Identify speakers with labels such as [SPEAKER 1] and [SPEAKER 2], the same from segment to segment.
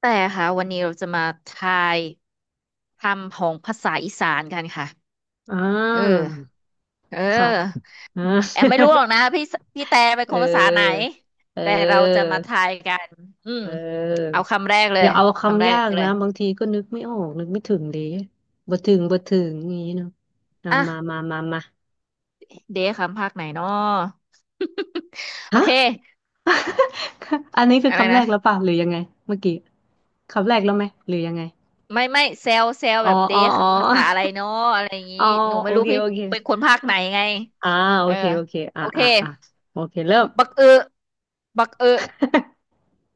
[SPEAKER 1] แต่ค่ะวันนี้เราจะมาทายคำของภาษาอีสานกันค่ะ
[SPEAKER 2] อ่า
[SPEAKER 1] เออเอ
[SPEAKER 2] ค่ะ
[SPEAKER 1] อ
[SPEAKER 2] อ่า
[SPEAKER 1] แอมไม่รู้หรอกนะพี่พี่แต่เป็ น
[SPEAKER 2] เ
[SPEAKER 1] คนภาษาไหน
[SPEAKER 2] ออ เ
[SPEAKER 1] แต่เราจะ
[SPEAKER 2] ออ
[SPEAKER 1] มาทายกันอืม
[SPEAKER 2] เ
[SPEAKER 1] เอา
[SPEAKER 2] ออ
[SPEAKER 1] คำแรกเล
[SPEAKER 2] อ
[SPEAKER 1] ย
[SPEAKER 2] ย่าเอา
[SPEAKER 1] คำแร
[SPEAKER 2] คำ
[SPEAKER 1] ก
[SPEAKER 2] ยาก
[SPEAKER 1] เล
[SPEAKER 2] นะ
[SPEAKER 1] ย
[SPEAKER 2] บางทีก็นึกไม่ออกนึกไม่ถึงดิบ่ถึงบ่ถึงอย่างนี้เนาะอ่า
[SPEAKER 1] อ่ะ
[SPEAKER 2] มามามามา
[SPEAKER 1] เดยวคำภาคไหนเนาะ โอ
[SPEAKER 2] ฮะ
[SPEAKER 1] เค
[SPEAKER 2] อันนี้คือ
[SPEAKER 1] อะไร
[SPEAKER 2] คำแร
[SPEAKER 1] นะ
[SPEAKER 2] กแล้วป่ะหรือยังไงเมื่อกี้คำแรกแล้วไหมหรือยังไง
[SPEAKER 1] ไม่ไม่เซลเซล
[SPEAKER 2] อ๋อ
[SPEAKER 1] แบบเด
[SPEAKER 2] อ๋อ
[SPEAKER 1] ย
[SPEAKER 2] อ๋อ
[SPEAKER 1] ภาษาอะไรเนาะอะไรอย่างนี้
[SPEAKER 2] อ๋อ
[SPEAKER 1] หนู
[SPEAKER 2] โอ
[SPEAKER 1] ไม่รู้
[SPEAKER 2] เค
[SPEAKER 1] พี่
[SPEAKER 2] โอเค
[SPEAKER 1] เป็นคนภาคไหนไง
[SPEAKER 2] อ่าโอ
[SPEAKER 1] เออ
[SPEAKER 2] เคโอเคอ่า
[SPEAKER 1] โอเค
[SPEAKER 2] อ่าอ่าโอเคเริ่ม
[SPEAKER 1] บักเออบักเออ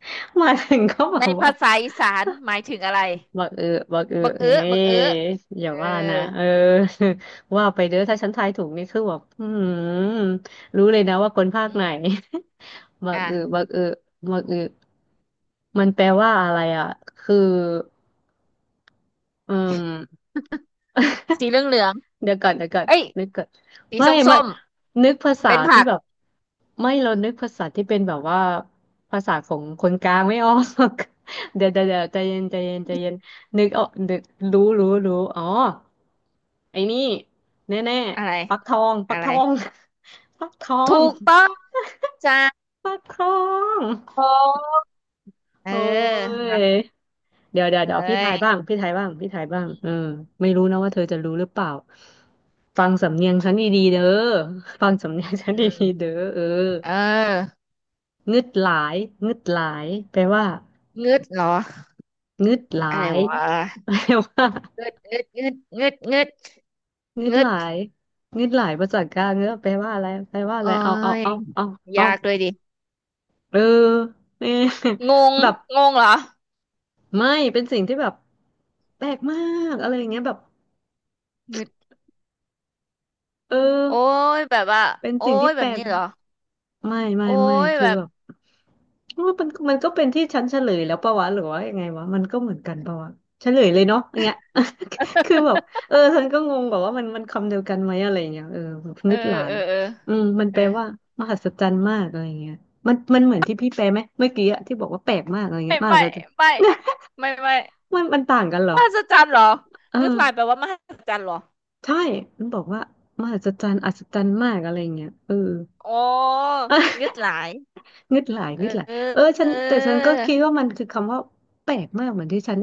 [SPEAKER 2] มาถึงก็บอ
[SPEAKER 1] ใน
[SPEAKER 2] กว่า
[SPEAKER 1] ภาษาอีสานหมายถึงอะไร
[SPEAKER 2] บักเออบักเออ
[SPEAKER 1] บักเอ้อ
[SPEAKER 2] เฮ้
[SPEAKER 1] บักเอ้อ
[SPEAKER 2] ยอ
[SPEAKER 1] เอ
[SPEAKER 2] ย่า
[SPEAKER 1] อ
[SPEAKER 2] ว่านะเออ ว่าไปเด้อถ้าฉันทายถูกนี่คือแบบอืมรู้เลยนะว่าคนภาค
[SPEAKER 1] อื
[SPEAKER 2] ไหน
[SPEAKER 1] ม
[SPEAKER 2] บักเออ
[SPEAKER 1] อ่ะ
[SPEAKER 2] บักเออบักเออมันแปลว่าอะไรอ่ะคืออืม
[SPEAKER 1] สีเหลืองเหลือง
[SPEAKER 2] เดี๋ยวก่อน
[SPEAKER 1] เอ้ย
[SPEAKER 2] นึกก่อน
[SPEAKER 1] สี
[SPEAKER 2] ไม่
[SPEAKER 1] ส้ม
[SPEAKER 2] มั
[SPEAKER 1] ส้
[SPEAKER 2] น
[SPEAKER 1] ม
[SPEAKER 2] นึกภาษา
[SPEAKER 1] เป็น
[SPEAKER 2] ที่
[SPEAKER 1] ผัก
[SPEAKER 2] แบบไม่เรานึกภาษาที่เป็นแบบว่าภาษาของคนกลางไม่ออก เดี๋ยวใจเย็นนึกออกนึกรู้อ๋อไอ้นี่แน่
[SPEAKER 1] อะไร
[SPEAKER 2] ๆปักทองปั
[SPEAKER 1] อะ
[SPEAKER 2] กท
[SPEAKER 1] ไร
[SPEAKER 2] อง ปักทอง
[SPEAKER 1] ถูกต้องจ้า
[SPEAKER 2] ปักทอง
[SPEAKER 1] ผมเออ
[SPEAKER 2] โอ้
[SPEAKER 1] มา
[SPEAKER 2] ย เดี๋ยวเดี๋ยว
[SPEAKER 1] เอ้
[SPEAKER 2] เดี๋ยวพี่ทายบ้า
[SPEAKER 1] ย
[SPEAKER 2] งพี่ทายบ้างพี่ทายบ้างเออไม่รู้นะว่าเธอจะรู้หรือเปล่าฟังสำเนียงฉันดีๆเด้อฟังสำเนียงฉัน
[SPEAKER 1] อื
[SPEAKER 2] ดีๆเด้
[SPEAKER 1] ม
[SPEAKER 2] อเออ
[SPEAKER 1] เออ
[SPEAKER 2] งึดหลายงึดหลายแปลว่า
[SPEAKER 1] งึดเหรอ
[SPEAKER 2] งึดหลา
[SPEAKER 1] อะไร
[SPEAKER 2] ย
[SPEAKER 1] วะ
[SPEAKER 2] แปลว่า
[SPEAKER 1] งึด
[SPEAKER 2] งึด
[SPEAKER 1] งึ
[SPEAKER 2] ห
[SPEAKER 1] ด
[SPEAKER 2] ลายงึดหลายภาษากลางเนอะแปลว่าอะไรแปลว่าอะ
[SPEAKER 1] เอ้
[SPEAKER 2] ไรเอาเอา
[SPEAKER 1] ย
[SPEAKER 2] เอาเอาเอา
[SPEAKER 1] ยากเลยดิ
[SPEAKER 2] เออเนี่ย
[SPEAKER 1] งง
[SPEAKER 2] แบบ
[SPEAKER 1] งงเหรอ
[SPEAKER 2] ไม่เป็นสิ่งที่แบบแปลกมากอะไรอย่างเงี้ยแบบ
[SPEAKER 1] งึด
[SPEAKER 2] เออ
[SPEAKER 1] โอ้ยแบบว่า
[SPEAKER 2] เป็น
[SPEAKER 1] โอ้
[SPEAKER 2] สิ่ง
[SPEAKER 1] ย
[SPEAKER 2] ที่
[SPEAKER 1] แบ
[SPEAKER 2] แปล
[SPEAKER 1] บ
[SPEAKER 2] ก
[SPEAKER 1] นี้เหรอ
[SPEAKER 2] ไม่ไม่
[SPEAKER 1] โอ้
[SPEAKER 2] ไม่
[SPEAKER 1] ย
[SPEAKER 2] คือ
[SPEAKER 1] แบบ
[SPEAKER 2] แบบ ว่ามันก็เป็นที่ฉันเฉลยแล้วปะวะหรือว่ายังไงวะมันก็เหมือนกันปะวะเฉลยเลยเนาะอย่างเงี้ย คือแบบเออฉันก็งงแบบว่ามันคำเดียวกันไหมอะไรอย่างเงี้ยเออแบบ
[SPEAKER 1] เออ
[SPEAKER 2] งึดหลา
[SPEAKER 1] เอ
[SPEAKER 2] ย
[SPEAKER 1] อเออ
[SPEAKER 2] อืมมัน
[SPEAKER 1] เอ
[SPEAKER 2] แป
[SPEAKER 1] อ
[SPEAKER 2] ลว่ามหัศจรรย์มากอะไรอย่างเงี้ยมันเหมือนที่พี่แปลไหมเมื่อกี้อะที่บอกว่าแปลกมากอะไรเงี้
[SPEAKER 1] ไม่
[SPEAKER 2] ยมหั
[SPEAKER 1] ไม่
[SPEAKER 2] ศจรรย์
[SPEAKER 1] ไม่ไม่
[SPEAKER 2] มันต่างกันเหร
[SPEAKER 1] ม
[SPEAKER 2] อ
[SPEAKER 1] หัศจรรย์เหรอ
[SPEAKER 2] เอ
[SPEAKER 1] งึด
[SPEAKER 2] อ
[SPEAKER 1] หลายแปลว่ามหัศจรรย์เหรอ
[SPEAKER 2] ใช่มันบอกว่ามหัศจรรย์อัศจรรย์มากอะไรอย่างเงี้ยเออ
[SPEAKER 1] อ๋องึ ดหลาย
[SPEAKER 2] งึดหลาย
[SPEAKER 1] เอ
[SPEAKER 2] งึด
[SPEAKER 1] อ
[SPEAKER 2] หลายเออฉั
[SPEAKER 1] เอ
[SPEAKER 2] นแต่ฉันก็
[SPEAKER 1] อ
[SPEAKER 2] คิดว่ามันคือคำว่าแปลกมากเหมือนที่ฉัน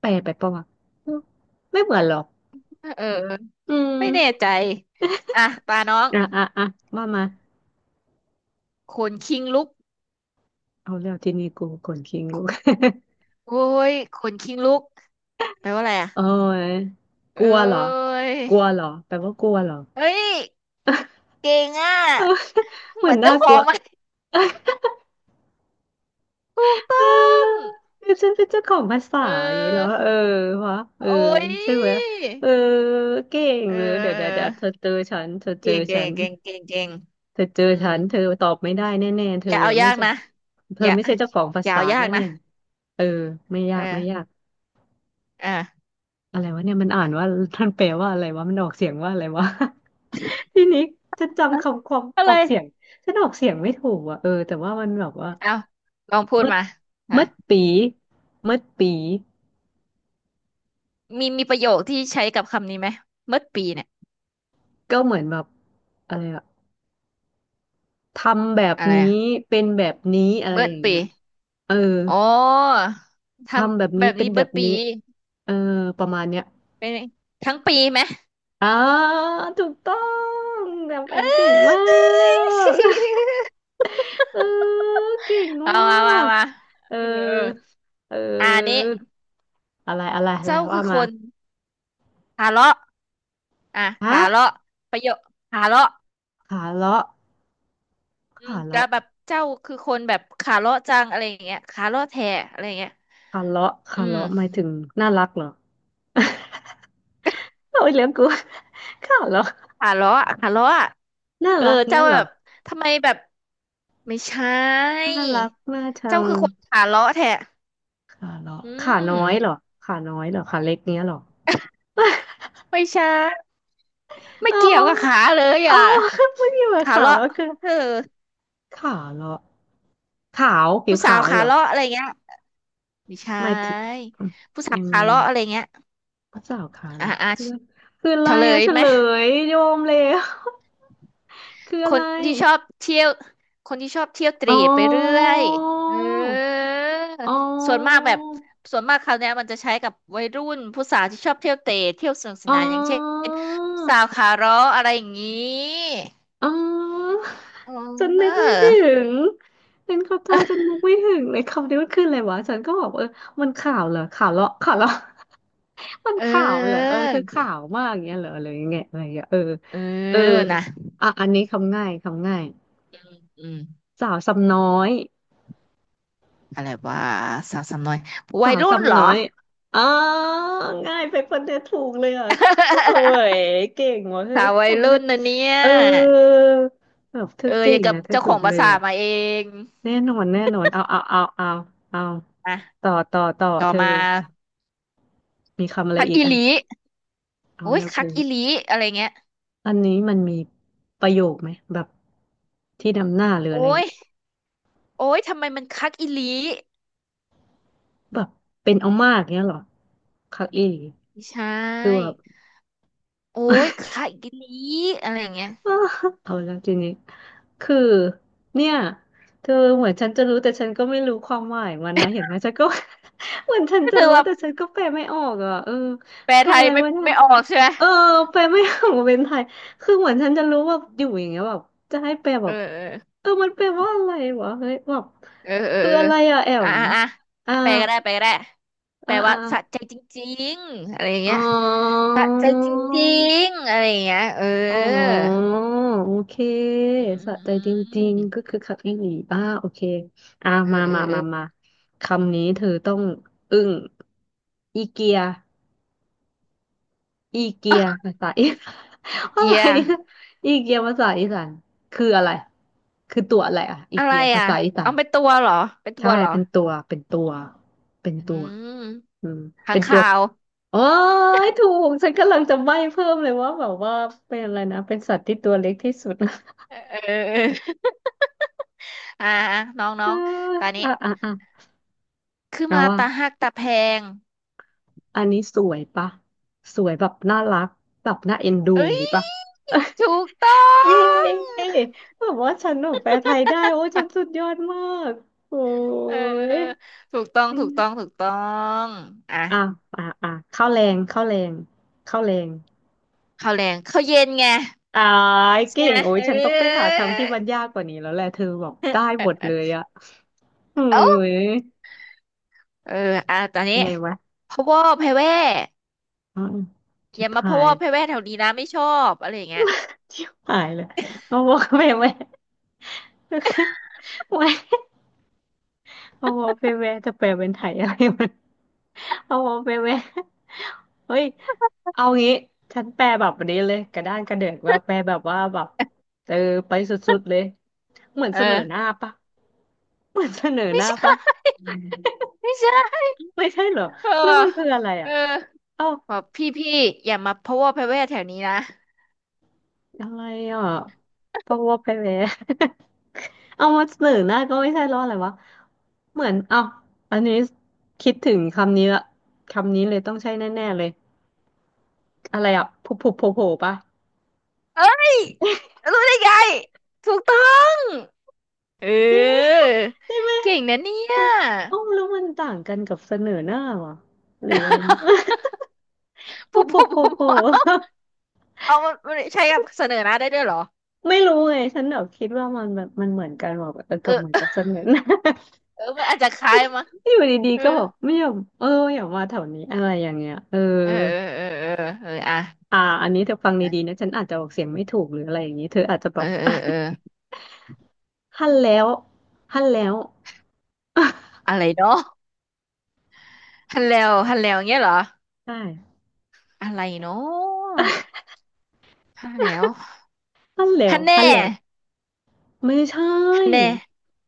[SPEAKER 2] แปลไปปะวะเออไม่เหมือนหรอก
[SPEAKER 1] เออเออ
[SPEAKER 2] อื
[SPEAKER 1] ไม่แน่
[SPEAKER 2] ม
[SPEAKER 1] ใจอ่ะตาน้อง
[SPEAKER 2] อ่ะมามา
[SPEAKER 1] ขนคิงลุก
[SPEAKER 2] เอาแล้วทีนี้กูคนคิงลูก
[SPEAKER 1] โอ้ยขนคิงลุกแปลว่าอะไรอ่ะ
[SPEAKER 2] โอ้ยก
[SPEAKER 1] เอ้
[SPEAKER 2] ลัวเหรอ
[SPEAKER 1] ย
[SPEAKER 2] กลัวเหรอแปลว่ากลัวเหรอ
[SPEAKER 1] เฮ้ยเก่งอ่ะ
[SPEAKER 2] เออ เห
[SPEAKER 1] เห
[SPEAKER 2] มือ
[SPEAKER 1] มื
[SPEAKER 2] น
[SPEAKER 1] อน
[SPEAKER 2] น่า
[SPEAKER 1] เจ้า
[SPEAKER 2] ก
[SPEAKER 1] ข
[SPEAKER 2] ลั
[SPEAKER 1] อ
[SPEAKER 2] ว
[SPEAKER 1] งมันถูก
[SPEAKER 2] เออ
[SPEAKER 1] ต้อง
[SPEAKER 2] คือฉันเป็นเจ้าของภาษา
[SPEAKER 1] เ
[SPEAKER 2] อย่างนี้แล้ว
[SPEAKER 1] ออ
[SPEAKER 2] อะเออวะเออ
[SPEAKER 1] โอ้ย
[SPEAKER 2] ใช่ไหมเออเก่ง
[SPEAKER 1] เอ
[SPEAKER 2] เลยเดี๋ยวเธอ
[SPEAKER 1] อ
[SPEAKER 2] เจอฉันเธอเจอ
[SPEAKER 1] เก่งเก่
[SPEAKER 2] ฉั
[SPEAKER 1] ง
[SPEAKER 2] น
[SPEAKER 1] เก่งเก่งเก่ง
[SPEAKER 2] เธอเจอ
[SPEAKER 1] อืม
[SPEAKER 2] ฉันเธอตอบไม่ได้แน่ๆ
[SPEAKER 1] อย่าเอา
[SPEAKER 2] ไม่
[SPEAKER 1] ยาก
[SPEAKER 2] ใช่
[SPEAKER 1] นะ
[SPEAKER 2] เธ
[SPEAKER 1] อ
[SPEAKER 2] อ
[SPEAKER 1] ย่า
[SPEAKER 2] ไม่ใช่เจ้าของภา
[SPEAKER 1] อย่า
[SPEAKER 2] ษา
[SPEAKER 1] เอายากนะ
[SPEAKER 2] แน่ๆเออไม่
[SPEAKER 1] เอ
[SPEAKER 2] ยา
[SPEAKER 1] อ
[SPEAKER 2] กไม่ยาก
[SPEAKER 1] เออ
[SPEAKER 2] อะไรวะเนี่ยมันอ่านว่าท่านแปลว่าอะไรวะมันออกเสียงว่าอะไรวะ ทีนี้ฉัน
[SPEAKER 1] เอ้
[SPEAKER 2] จำ
[SPEAKER 1] ย
[SPEAKER 2] คำความ
[SPEAKER 1] อะ
[SPEAKER 2] อ
[SPEAKER 1] ไร
[SPEAKER 2] อกเสียงฉันออกเสียงไม่ถูกอ่ะเออแต่ว่ามันแบบว่า
[SPEAKER 1] เอาลองพูด
[SPEAKER 2] มัด
[SPEAKER 1] มาอ่ะ
[SPEAKER 2] มัดปีมัดปี
[SPEAKER 1] มีมีประโยคที่ใช้กับคำนี้ไหม เบิดปีเนี่ย
[SPEAKER 2] ก็เหมือนแบบอะไรอะทำแบบ
[SPEAKER 1] อะไร
[SPEAKER 2] นี้
[SPEAKER 1] อะ
[SPEAKER 2] เป็นแบบนี้อะไร
[SPEAKER 1] เบิ
[SPEAKER 2] อ
[SPEAKER 1] ด
[SPEAKER 2] ย่างเงี้
[SPEAKER 1] ปี
[SPEAKER 2] ยเออ
[SPEAKER 1] อ๋อท
[SPEAKER 2] ทำแบบ
[SPEAKER 1] ำแบ
[SPEAKER 2] นี้
[SPEAKER 1] บ
[SPEAKER 2] เป็
[SPEAKER 1] นี้
[SPEAKER 2] นแบ
[SPEAKER 1] เบิด
[SPEAKER 2] บ
[SPEAKER 1] ปี
[SPEAKER 2] นี้เออประมาณเนี้ย
[SPEAKER 1] เป็นทั้งปีไหม
[SPEAKER 2] อ๋อถูกต้องแบบแอ
[SPEAKER 1] เอ้
[SPEAKER 2] มเก่งมาก
[SPEAKER 1] ย
[SPEAKER 2] เออเก่ง
[SPEAKER 1] เอา
[SPEAKER 2] มา
[SPEAKER 1] มามา
[SPEAKER 2] ก
[SPEAKER 1] มา
[SPEAKER 2] เออ
[SPEAKER 1] เออเออ
[SPEAKER 2] เ
[SPEAKER 1] อ่านี้
[SPEAKER 2] อออะไรอะไรอะไร
[SPEAKER 1] เจ้าคื
[SPEAKER 2] ว่า
[SPEAKER 1] อค
[SPEAKER 2] มา
[SPEAKER 1] นทะเลาะ อ่ะ
[SPEAKER 2] ฮะ
[SPEAKER 1] ขาเลาะประโยคขาเลาะ
[SPEAKER 2] ขาเลาะ
[SPEAKER 1] อืม
[SPEAKER 2] ขา
[SPEAKER 1] แล้ว
[SPEAKER 2] เลาะ
[SPEAKER 1] แบบเจ้าคือคนแบบขาเลาะจังอะไรอย่างเงี้ยขาเลาะแท้อะไรอย่างเงี้ย
[SPEAKER 2] ขาเลาะ
[SPEAKER 1] อื
[SPEAKER 2] ขา
[SPEAKER 1] ม
[SPEAKER 2] เลาะหมายถึงน่ารักเหรอ โอ้ยเลี้ยงกู ขาเลาะ
[SPEAKER 1] ขาเลาะขาเลาะ
[SPEAKER 2] น่า
[SPEAKER 1] เออ
[SPEAKER 2] รักเนี้
[SPEAKER 1] เจ้า
[SPEAKER 2] ยเหร
[SPEAKER 1] แบ
[SPEAKER 2] อ
[SPEAKER 1] บทำไมแบบไม่ใช่
[SPEAKER 2] น่ารักน่าชั
[SPEAKER 1] เจ้า
[SPEAKER 2] ง
[SPEAKER 1] คือคนขาเลาะแท้
[SPEAKER 2] ขาเลาะ
[SPEAKER 1] อื
[SPEAKER 2] ขาน้อยเหรอ
[SPEAKER 1] ม
[SPEAKER 2] ขาน้อยเหรอขาเล็กเนี้ยเหรอ
[SPEAKER 1] ไม่ใช่ไม่
[SPEAKER 2] เอ
[SPEAKER 1] เกี่ยวกับขา
[SPEAKER 2] า
[SPEAKER 1] เลย
[SPEAKER 2] เอา
[SPEAKER 1] อ่ะ
[SPEAKER 2] ไม่มีหมาย
[SPEAKER 1] ขา
[SPEAKER 2] ขาว
[SPEAKER 1] เลาะ
[SPEAKER 2] แล้วคือ
[SPEAKER 1] เออ
[SPEAKER 2] ขาวเหรอขาวผิ
[SPEAKER 1] ผู้
[SPEAKER 2] ว
[SPEAKER 1] สา
[SPEAKER 2] ขา
[SPEAKER 1] ว
[SPEAKER 2] ว
[SPEAKER 1] ขา
[SPEAKER 2] เหรอ
[SPEAKER 1] เลาะอะไรเงี้ยไม่ใช
[SPEAKER 2] หมายถึง
[SPEAKER 1] ่ผู้สา
[SPEAKER 2] อ
[SPEAKER 1] ว
[SPEAKER 2] ยังไง
[SPEAKER 1] ขาเลาะ
[SPEAKER 2] อ่ะ
[SPEAKER 1] อะไรเงี้ย
[SPEAKER 2] ก็้าขาวเห
[SPEAKER 1] อ่า
[SPEAKER 2] รอ
[SPEAKER 1] อ่า
[SPEAKER 2] คือคืออะ
[SPEAKER 1] เฉ
[SPEAKER 2] ไร
[SPEAKER 1] ล
[SPEAKER 2] อ่ะ
[SPEAKER 1] ย
[SPEAKER 2] เฉ
[SPEAKER 1] ไหม
[SPEAKER 2] ลยโยมเลย คือ
[SPEAKER 1] ค
[SPEAKER 2] อะไร
[SPEAKER 1] นที่ชอบเที่ยวคนที่ชอบเที่ยวเต
[SPEAKER 2] อ๋
[SPEAKER 1] ร่ไปเรื่
[SPEAKER 2] อ
[SPEAKER 1] อยเออ
[SPEAKER 2] อ๋อ
[SPEAKER 1] ส่วนมากแบบส่วนมากคราวเนี้ยมันจะใช้กับวัยรุ่นผู้สาวที่ชอบเที่ยวเตร่เที่ยวสนุกส
[SPEAKER 2] อ๋
[SPEAKER 1] นานอย่างเช่
[SPEAKER 2] อ
[SPEAKER 1] นผู้สาวขาเร้ออะไรอย่างนี้
[SPEAKER 2] อ๋อ
[SPEAKER 1] เอ
[SPEAKER 2] ฉันนึก
[SPEAKER 1] อ
[SPEAKER 2] ไม่ถึงเป็นขอโทษฉันนึกไม่ถึงเลยคำนี้มันคืออะไรวะฉันก็บอกเออมันข่าวเหรอข่าวเลาะข่าวเลาะ มันข่าวเหรอเอ
[SPEAKER 1] เออ
[SPEAKER 2] อเธอข่าวมากอย่างเงี้ยเหรออะไรอย่างเงี้ยอะไรอย่างเงี้ยเออ
[SPEAKER 1] เออ
[SPEAKER 2] เออ
[SPEAKER 1] นะ
[SPEAKER 2] อันนี้คำง่ายคำง่าย
[SPEAKER 1] อืม
[SPEAKER 2] สาวซ้ำน้อย
[SPEAKER 1] อะไรว่าสาวสำน้อยวั
[SPEAKER 2] สา
[SPEAKER 1] ย
[SPEAKER 2] ว
[SPEAKER 1] รุ่นเหร
[SPEAKER 2] ซ้ำน้อ
[SPEAKER 1] อ
[SPEAKER 2] ย อ๋อง่ายไปคนเดียวถูกเลยอ่ะเฮ้ ยเก่งว่ะเฮ้
[SPEAKER 1] สา
[SPEAKER 2] ย
[SPEAKER 1] ววัย
[SPEAKER 2] คำ
[SPEAKER 1] รุ่
[SPEAKER 2] เลย
[SPEAKER 1] นนะเนี่ย
[SPEAKER 2] เออแบบเธ
[SPEAKER 1] เอ
[SPEAKER 2] อ
[SPEAKER 1] อ
[SPEAKER 2] เก่
[SPEAKER 1] อย่าง
[SPEAKER 2] ง
[SPEAKER 1] กับ
[SPEAKER 2] อ่ะเธอ
[SPEAKER 1] เจ้าข
[SPEAKER 2] ถู
[SPEAKER 1] อ
[SPEAKER 2] ก
[SPEAKER 1] ง
[SPEAKER 2] เล
[SPEAKER 1] ภา
[SPEAKER 2] ย
[SPEAKER 1] ษา
[SPEAKER 2] อ่ะ
[SPEAKER 1] มาเอง
[SPEAKER 2] แน่นอนเอา
[SPEAKER 1] อ่ะ
[SPEAKER 2] ต่อ
[SPEAKER 1] ต่อ
[SPEAKER 2] เธอ
[SPEAKER 1] มา
[SPEAKER 2] มีคำอะไร
[SPEAKER 1] พัก
[SPEAKER 2] อีก
[SPEAKER 1] อี
[SPEAKER 2] อ่ะ
[SPEAKER 1] หลี
[SPEAKER 2] เอา
[SPEAKER 1] โอ้ย
[SPEAKER 2] แล้ว
[SPEAKER 1] คัก
[SPEAKER 2] กู
[SPEAKER 1] อีหลีอะไรเงี้ย
[SPEAKER 2] อันนี้มันมีประโยคไหมแบบที่นำหน้าหรืออะ
[SPEAKER 1] โอ้
[SPEAKER 2] ไร
[SPEAKER 1] ย
[SPEAKER 2] อะ
[SPEAKER 1] โอ้ยทำไมมันคักอีหลี
[SPEAKER 2] แบบเป็นเอามากเนี้ยเหรอคักอี
[SPEAKER 1] ไม่ใช
[SPEAKER 2] คือแบบ
[SPEAKER 1] ่โอ้ยคักอีหลีอะไรเงี้ย
[SPEAKER 2] เอาแล้วทีนี้คือเนี่ยเธอเหมือนฉันจะรู้แต่ฉันก็ไม่รู้ความหมายมันนะเห็นไหมฉันก็ เหมือนฉัน
[SPEAKER 1] ก็
[SPEAKER 2] จะ
[SPEAKER 1] คือ
[SPEAKER 2] รู้
[SPEAKER 1] ว่า
[SPEAKER 2] แต่ฉันก็แปลไม่ออกอ่ะเออ
[SPEAKER 1] แปล
[SPEAKER 2] อะ
[SPEAKER 1] ไทย
[SPEAKER 2] ไร
[SPEAKER 1] ไม่
[SPEAKER 2] วะเนี่ย
[SPEAKER 1] ไม่ออกใช่ไหม
[SPEAKER 2] เออแปลไม่ออกเป็นไทยคือเหมือนฉันจะรู้ว่าอยู่อย่างเงี้ยแบบจะให้แปลแบ
[SPEAKER 1] เออ
[SPEAKER 2] บ
[SPEAKER 1] เออ
[SPEAKER 2] มันแปลว่าอะไรวะเฮ้ยแบบ
[SPEAKER 1] เออเออ
[SPEAKER 2] คืออะ
[SPEAKER 1] เออ
[SPEAKER 2] ไรอะแอ
[SPEAKER 1] อ่ะ
[SPEAKER 2] ม
[SPEAKER 1] อ่ะอ่ะ
[SPEAKER 2] อ่า
[SPEAKER 1] แปลก็ได้แปลก็ได้แป
[SPEAKER 2] อ่า
[SPEAKER 1] ล
[SPEAKER 2] อ่า
[SPEAKER 1] ว่าสะใจจริงๆอะไรอย่าง
[SPEAKER 2] อ๋อ
[SPEAKER 1] เงี้ยสะใจจริงๆอะไรอย่างเงี้ยเออ
[SPEAKER 2] อ๋อโอเค
[SPEAKER 1] อืมอื
[SPEAKER 2] สะใจจ
[SPEAKER 1] ม
[SPEAKER 2] ริงๆก็คือคักอีหลีบ้าโอเคอ่า
[SPEAKER 1] อืม
[SPEAKER 2] มา
[SPEAKER 1] เออ
[SPEAKER 2] มา
[SPEAKER 1] เออเออ
[SPEAKER 2] มามาคำนี้เธอต้องอึ้งอีเกีย อีเกีย ภาษาอีสาน
[SPEAKER 1] อี
[SPEAKER 2] อะ
[SPEAKER 1] เกี
[SPEAKER 2] ไร
[SPEAKER 1] ย
[SPEAKER 2] เนะอีเกียภาษาอีสานคืออะไรคือตัวอะไรอ่ะอี
[SPEAKER 1] อะไร
[SPEAKER 2] เกียภา
[SPEAKER 1] อ่ะ
[SPEAKER 2] ษาอีสา
[SPEAKER 1] เอา
[SPEAKER 2] น
[SPEAKER 1] ไปตัวเหรอไปตั
[SPEAKER 2] ใช่
[SPEAKER 1] วเหรอ
[SPEAKER 2] เป็นตัวเป็น
[SPEAKER 1] อื
[SPEAKER 2] ตัว
[SPEAKER 1] ม
[SPEAKER 2] อืม
[SPEAKER 1] ค้า
[SPEAKER 2] เป็
[SPEAKER 1] ง
[SPEAKER 2] นตั
[SPEAKER 1] คา
[SPEAKER 2] ว
[SPEAKER 1] ว
[SPEAKER 2] โอ้ยถูกฉันกำลังจะใบ้เพิ่มเลยว่าแบบว่าเป็นอะไรนะเป็นสัตว์ที่ตัวเล็กที่สุด
[SPEAKER 1] เออเออเอออ่าน้องน้
[SPEAKER 2] เอ
[SPEAKER 1] อ
[SPEAKER 2] อ
[SPEAKER 1] งตอนนี้
[SPEAKER 2] อ่ะอ่ะอ่ะ
[SPEAKER 1] คือ
[SPEAKER 2] นะ
[SPEAKER 1] มา
[SPEAKER 2] ว่า
[SPEAKER 1] ตาหักตาแพง
[SPEAKER 2] อันนี้สวยปะสวยแบบน่ารักแบบน่าเอ็นดูอ
[SPEAKER 1] เอ้
[SPEAKER 2] ย่าง
[SPEAKER 1] ย
[SPEAKER 2] นี้ปะ
[SPEAKER 1] ถูกต้อ
[SPEAKER 2] เ
[SPEAKER 1] ง
[SPEAKER 2] ย้แบบว่าฉันหนูแปลไทยได้โอ้ฉันสุดยอดมากโอ้
[SPEAKER 1] เออ
[SPEAKER 2] ย
[SPEAKER 1] ถูกต้องอ่ะ
[SPEAKER 2] อ่ะอ่ะอ่ะเข้าวแรงเข้าวแรงเข้าวแรง
[SPEAKER 1] ข้าวแรงข้าวเย็นไง
[SPEAKER 2] อ่าย
[SPEAKER 1] ใช่
[SPEAKER 2] เก่
[SPEAKER 1] ไห
[SPEAKER 2] ง
[SPEAKER 1] ม
[SPEAKER 2] โอ้ย
[SPEAKER 1] เอ
[SPEAKER 2] ฉันต้องไปหา
[SPEAKER 1] อ
[SPEAKER 2] คำที่มันยากกว่านี้แล้วแหละเธอบอกได้หมดเลยอะ เฮ้
[SPEAKER 1] เอ้า
[SPEAKER 2] ย
[SPEAKER 1] เอออ่ะตอนนี้
[SPEAKER 2] ยังไงวะ
[SPEAKER 1] พะวอแพะแว่
[SPEAKER 2] อืม
[SPEAKER 1] อ
[SPEAKER 2] ชิบ
[SPEAKER 1] ย่ามา
[SPEAKER 2] หา
[SPEAKER 1] พะว
[SPEAKER 2] ย
[SPEAKER 1] อแพะแว่แถวนี้นะไม่ชอบอะไรอย่างเงี้ย
[SPEAKER 2] ชิบหายเลยเอาวอกไปไหมไม่ เอาวอกไปไหมจะแปลเป็นไทยอะไรมัน เอาไปเว้ย เฮ้ยเอางี้ฉันแปลแบบนี้เลยกระด้านกระเดือกว่าแปลแบบว่าแบบเออไปสุดๆเลยเหมือน
[SPEAKER 1] เอ
[SPEAKER 2] เสนอหน้า
[SPEAKER 1] อ
[SPEAKER 2] ปะเหมือนเสนอห
[SPEAKER 1] ไม่
[SPEAKER 2] น้า
[SPEAKER 1] ใช่
[SPEAKER 2] ปะ
[SPEAKER 1] ไม่ใช่
[SPEAKER 2] ไม่ใช่เหรอ
[SPEAKER 1] เออ
[SPEAKER 2] แล้วมันคืออะไร
[SPEAKER 1] เอ
[SPEAKER 2] อ่ะ
[SPEAKER 1] อ
[SPEAKER 2] เอ้า
[SPEAKER 1] บอกพี่พี่อย่ามาพะวกพะแวแถวนี้นะ
[SPEAKER 2] อะไรอ่ะปะวะไปแวย เอามาเสนอหน้าก็ไม่ใช่แล้ออะไรวะเหมือนเอ้าอันนี้คิดถึงคำนี้ละคำนี้เลยต้องใช่แน่ๆเลยอะไรอ่ะผุผุโผล่ๆปะ
[SPEAKER 1] เอ้ยรู้ได้ไงถูกต้องเ
[SPEAKER 2] ะ
[SPEAKER 1] อ อ
[SPEAKER 2] ใช่ไหม
[SPEAKER 1] เก่งนะเนี่ย
[SPEAKER 2] เอ้าแล้วมันต่างกันกับเสนอหน้าเหรอหรือยัง โป
[SPEAKER 1] พวก
[SPEAKER 2] โป
[SPEAKER 1] พวกพ
[SPEAKER 2] โป
[SPEAKER 1] วก
[SPEAKER 2] โป
[SPEAKER 1] พวกเอามันมันใช้กับเสนอหน้าได้ด้วยเหรอ
[SPEAKER 2] ไม่รู้ไงฉันแบบคิดว่ามันแบบมันเหมือนกันแบอกเออกับเหมือน
[SPEAKER 1] เออ
[SPEAKER 2] กับเสนอหน้า
[SPEAKER 1] เออมันอาจจะคล้ายมั้ง
[SPEAKER 2] อยู่ดี
[SPEAKER 1] เออ
[SPEAKER 2] ๆก็แบบไม่ยอมเอออย่ามาแถวนี้อะไรอย่างเงี้ยเออ
[SPEAKER 1] เออเออเออเออเอออะ
[SPEAKER 2] อันนี้เธอฟังดีๆนะฉันอาจจะออกเสียงไม่ถูกหรืออะไรอย่างนี้เธออาจจะแบ
[SPEAKER 1] เออ
[SPEAKER 2] บ
[SPEAKER 1] เออเออ
[SPEAKER 2] ฮั่นแล้วฮั่นแล้ว
[SPEAKER 1] อะไรเนาะฮัลโหลวฮัลโหลวเงี้ยเหรอ
[SPEAKER 2] ใช่
[SPEAKER 1] อะไรเนาะฮัลโหลว
[SPEAKER 2] ฮั่นแล้
[SPEAKER 1] ฮั
[SPEAKER 2] ว
[SPEAKER 1] นแน่
[SPEAKER 2] ฮั่นแล้ว ไม่ใช่
[SPEAKER 1] ฮันแน่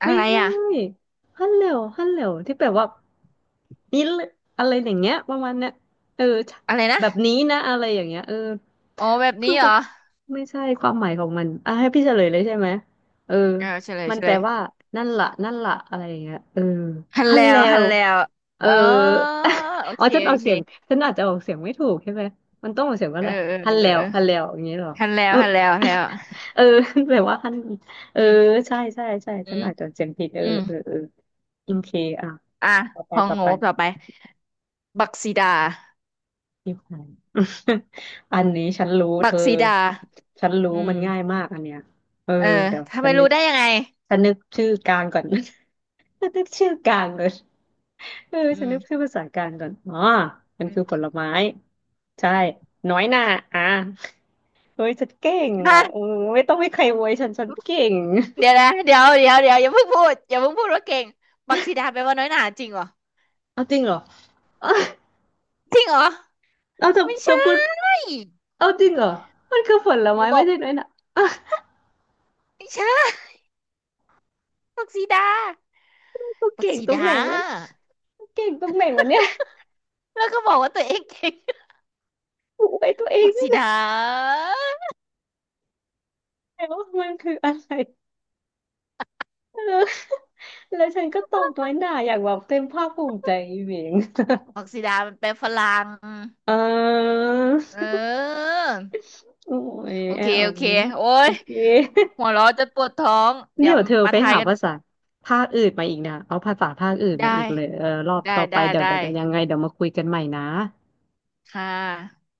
[SPEAKER 1] อะ
[SPEAKER 2] ไม่
[SPEAKER 1] ไร
[SPEAKER 2] ใช่
[SPEAKER 1] อะ
[SPEAKER 2] ฮัลโหลฮัลโหลที่แปลว่านี่เลยอะไรอย่างเงี้ยประมาณเนี้ยเออ
[SPEAKER 1] อะไรนะ
[SPEAKER 2] แบบนี้นะอะไรอย่างเงี้ยเออ
[SPEAKER 1] อ๋อแบบ
[SPEAKER 2] คื
[SPEAKER 1] นี้
[SPEAKER 2] อ
[SPEAKER 1] เหร
[SPEAKER 2] แบ
[SPEAKER 1] อ
[SPEAKER 2] บไม่ใช่ความหมายของมันอ่ะให้พี่เฉลยเลยใช่ไหมเออ
[SPEAKER 1] เออเฉลย
[SPEAKER 2] มัน
[SPEAKER 1] เฉ
[SPEAKER 2] แป
[SPEAKER 1] ล
[SPEAKER 2] ล
[SPEAKER 1] ย
[SPEAKER 2] ว่านั่นล่ะนั่นล่ะอะไรอย่างเงี้ยเออ
[SPEAKER 1] ฮัน
[SPEAKER 2] ฮัล
[SPEAKER 1] แล้
[SPEAKER 2] โหล
[SPEAKER 1] วฮันแล้ว
[SPEAKER 2] เออ
[SPEAKER 1] เออโอ
[SPEAKER 2] อ๋อ
[SPEAKER 1] เค
[SPEAKER 2] ฉันออ
[SPEAKER 1] โอ
[SPEAKER 2] กเสียง
[SPEAKER 1] เค
[SPEAKER 2] ฉันอาจจะออกเสียงไม่ถูกใช่ไหมมันต้องออกเสียงว่า
[SPEAKER 1] เอ
[SPEAKER 2] อะ
[SPEAKER 1] อ
[SPEAKER 2] ไร
[SPEAKER 1] เออ
[SPEAKER 2] ฮัลโหล
[SPEAKER 1] เออเออ
[SPEAKER 2] ฮัลโหลอย่างเงี้ยเหรอ
[SPEAKER 1] ฮันแล้
[SPEAKER 2] เอ
[SPEAKER 1] ว
[SPEAKER 2] อ
[SPEAKER 1] ฮันแล้วฮันแล้ว
[SPEAKER 2] เออแปลว่าฮัลโหล เอ
[SPEAKER 1] อื
[SPEAKER 2] อ
[SPEAKER 1] ม
[SPEAKER 2] ใช่ใช่ใช่
[SPEAKER 1] อื
[SPEAKER 2] ฉัน
[SPEAKER 1] ม
[SPEAKER 2] อาจจะเสียงผิดเออ
[SPEAKER 1] อืม
[SPEAKER 2] เออเออโอเคอ่ะ
[SPEAKER 1] อ่ะ
[SPEAKER 2] ต่อ
[SPEAKER 1] ข
[SPEAKER 2] ไป
[SPEAKER 1] อง
[SPEAKER 2] ต่อ
[SPEAKER 1] โง่
[SPEAKER 2] ไป
[SPEAKER 1] ต่อไปบักซีดา
[SPEAKER 2] ที่ใคร อันนี้ฉันรู้เธ
[SPEAKER 1] บัก
[SPEAKER 2] อ
[SPEAKER 1] ซีดา
[SPEAKER 2] ฉันรู้
[SPEAKER 1] อืม
[SPEAKER 2] มันง่ายมากอันเนี้ยเออ
[SPEAKER 1] เออ
[SPEAKER 2] เดี๋ยว
[SPEAKER 1] ทำ
[SPEAKER 2] ฉั
[SPEAKER 1] ไม
[SPEAKER 2] นนึ
[SPEAKER 1] รู้
[SPEAKER 2] ก
[SPEAKER 1] ได้ยังไง
[SPEAKER 2] ฉันนึกชื่อกลางก่อน ฉันนึกชื่อกลางก่อนเออ
[SPEAKER 1] อื
[SPEAKER 2] ฉันนึกชื่อ
[SPEAKER 1] ม
[SPEAKER 2] ภาษากลางก่อนอ๋อมัน
[SPEAKER 1] อื
[SPEAKER 2] คือ
[SPEAKER 1] ม
[SPEAKER 2] ผลไม้ใช่น้อยหน่าอ่ะเฮ้ยฉันเก่ง อ่ะเออ
[SPEAKER 1] ฮะ
[SPEAKER 2] ไม่ต้องให้ใครอวยฉันฉันเก่ง
[SPEAKER 1] เดี๋ยวนะเดี๋ยวอย่าเพิ่งพูดอย่าเพิ่งพูดว่าเก่งบักซีดาแปลว่าน้อยหนาจริงเหรอ
[SPEAKER 2] เอาจริงเหรอ
[SPEAKER 1] จริงเหรอ
[SPEAKER 2] เราจะ
[SPEAKER 1] ไม่ใช่
[SPEAKER 2] จะพูด เอาจริงเหรอมันคือผล
[SPEAKER 1] ห
[SPEAKER 2] ไม้
[SPEAKER 1] นูบ
[SPEAKER 2] ไม่
[SPEAKER 1] อก
[SPEAKER 2] ใช่น้อยหนะ อ
[SPEAKER 1] ไม่ใช่บักซีดา
[SPEAKER 2] กู
[SPEAKER 1] บัก
[SPEAKER 2] เก่ง
[SPEAKER 1] ซี
[SPEAKER 2] ตรง
[SPEAKER 1] ดา
[SPEAKER 2] ไหนวะกูเก่งตรงไหนวะเนี่ย
[SPEAKER 1] แล้วก็บอกว่าตัวเองเก่ง
[SPEAKER 2] กูไปตัวเอง
[SPEAKER 1] ผัก
[SPEAKER 2] ไม่
[SPEAKER 1] สี
[SPEAKER 2] ได้
[SPEAKER 1] ดา
[SPEAKER 2] แล้ามันคืออะไรเออแล้วฉันก็ตอบน้อยหน่าอย่างแบบเต็มภาคภูมิใจอีเหวง
[SPEAKER 1] ผักสีดามันเป็นฝรั่ง
[SPEAKER 2] เออ
[SPEAKER 1] เออ
[SPEAKER 2] โอ้ย
[SPEAKER 1] โอ
[SPEAKER 2] แอ
[SPEAKER 1] เคโอ
[SPEAKER 2] ม
[SPEAKER 1] เคโอ้
[SPEAKER 2] โอ
[SPEAKER 1] ย
[SPEAKER 2] เค
[SPEAKER 1] หัวเราะจะปวดท้อง เดี๋
[SPEAKER 2] เดี๋
[SPEAKER 1] ยว
[SPEAKER 2] ยวเธอ
[SPEAKER 1] มา
[SPEAKER 2] ไป
[SPEAKER 1] ทาย
[SPEAKER 2] หา
[SPEAKER 1] กัน
[SPEAKER 2] ภาษาภาคอื่นมาอีกนะเอาภาษาภาคอื่นมา
[SPEAKER 1] ได้
[SPEAKER 2] อีกเลยเออรอบ
[SPEAKER 1] ได้
[SPEAKER 2] ต่อไป
[SPEAKER 1] ได้
[SPEAKER 2] เดี๋ยวเดี๋
[SPEAKER 1] ได้
[SPEAKER 2] ยวเดี๋ยวยังไงเดี๋ยวมาคุยกันใหม่นะ
[SPEAKER 1] ค่ะ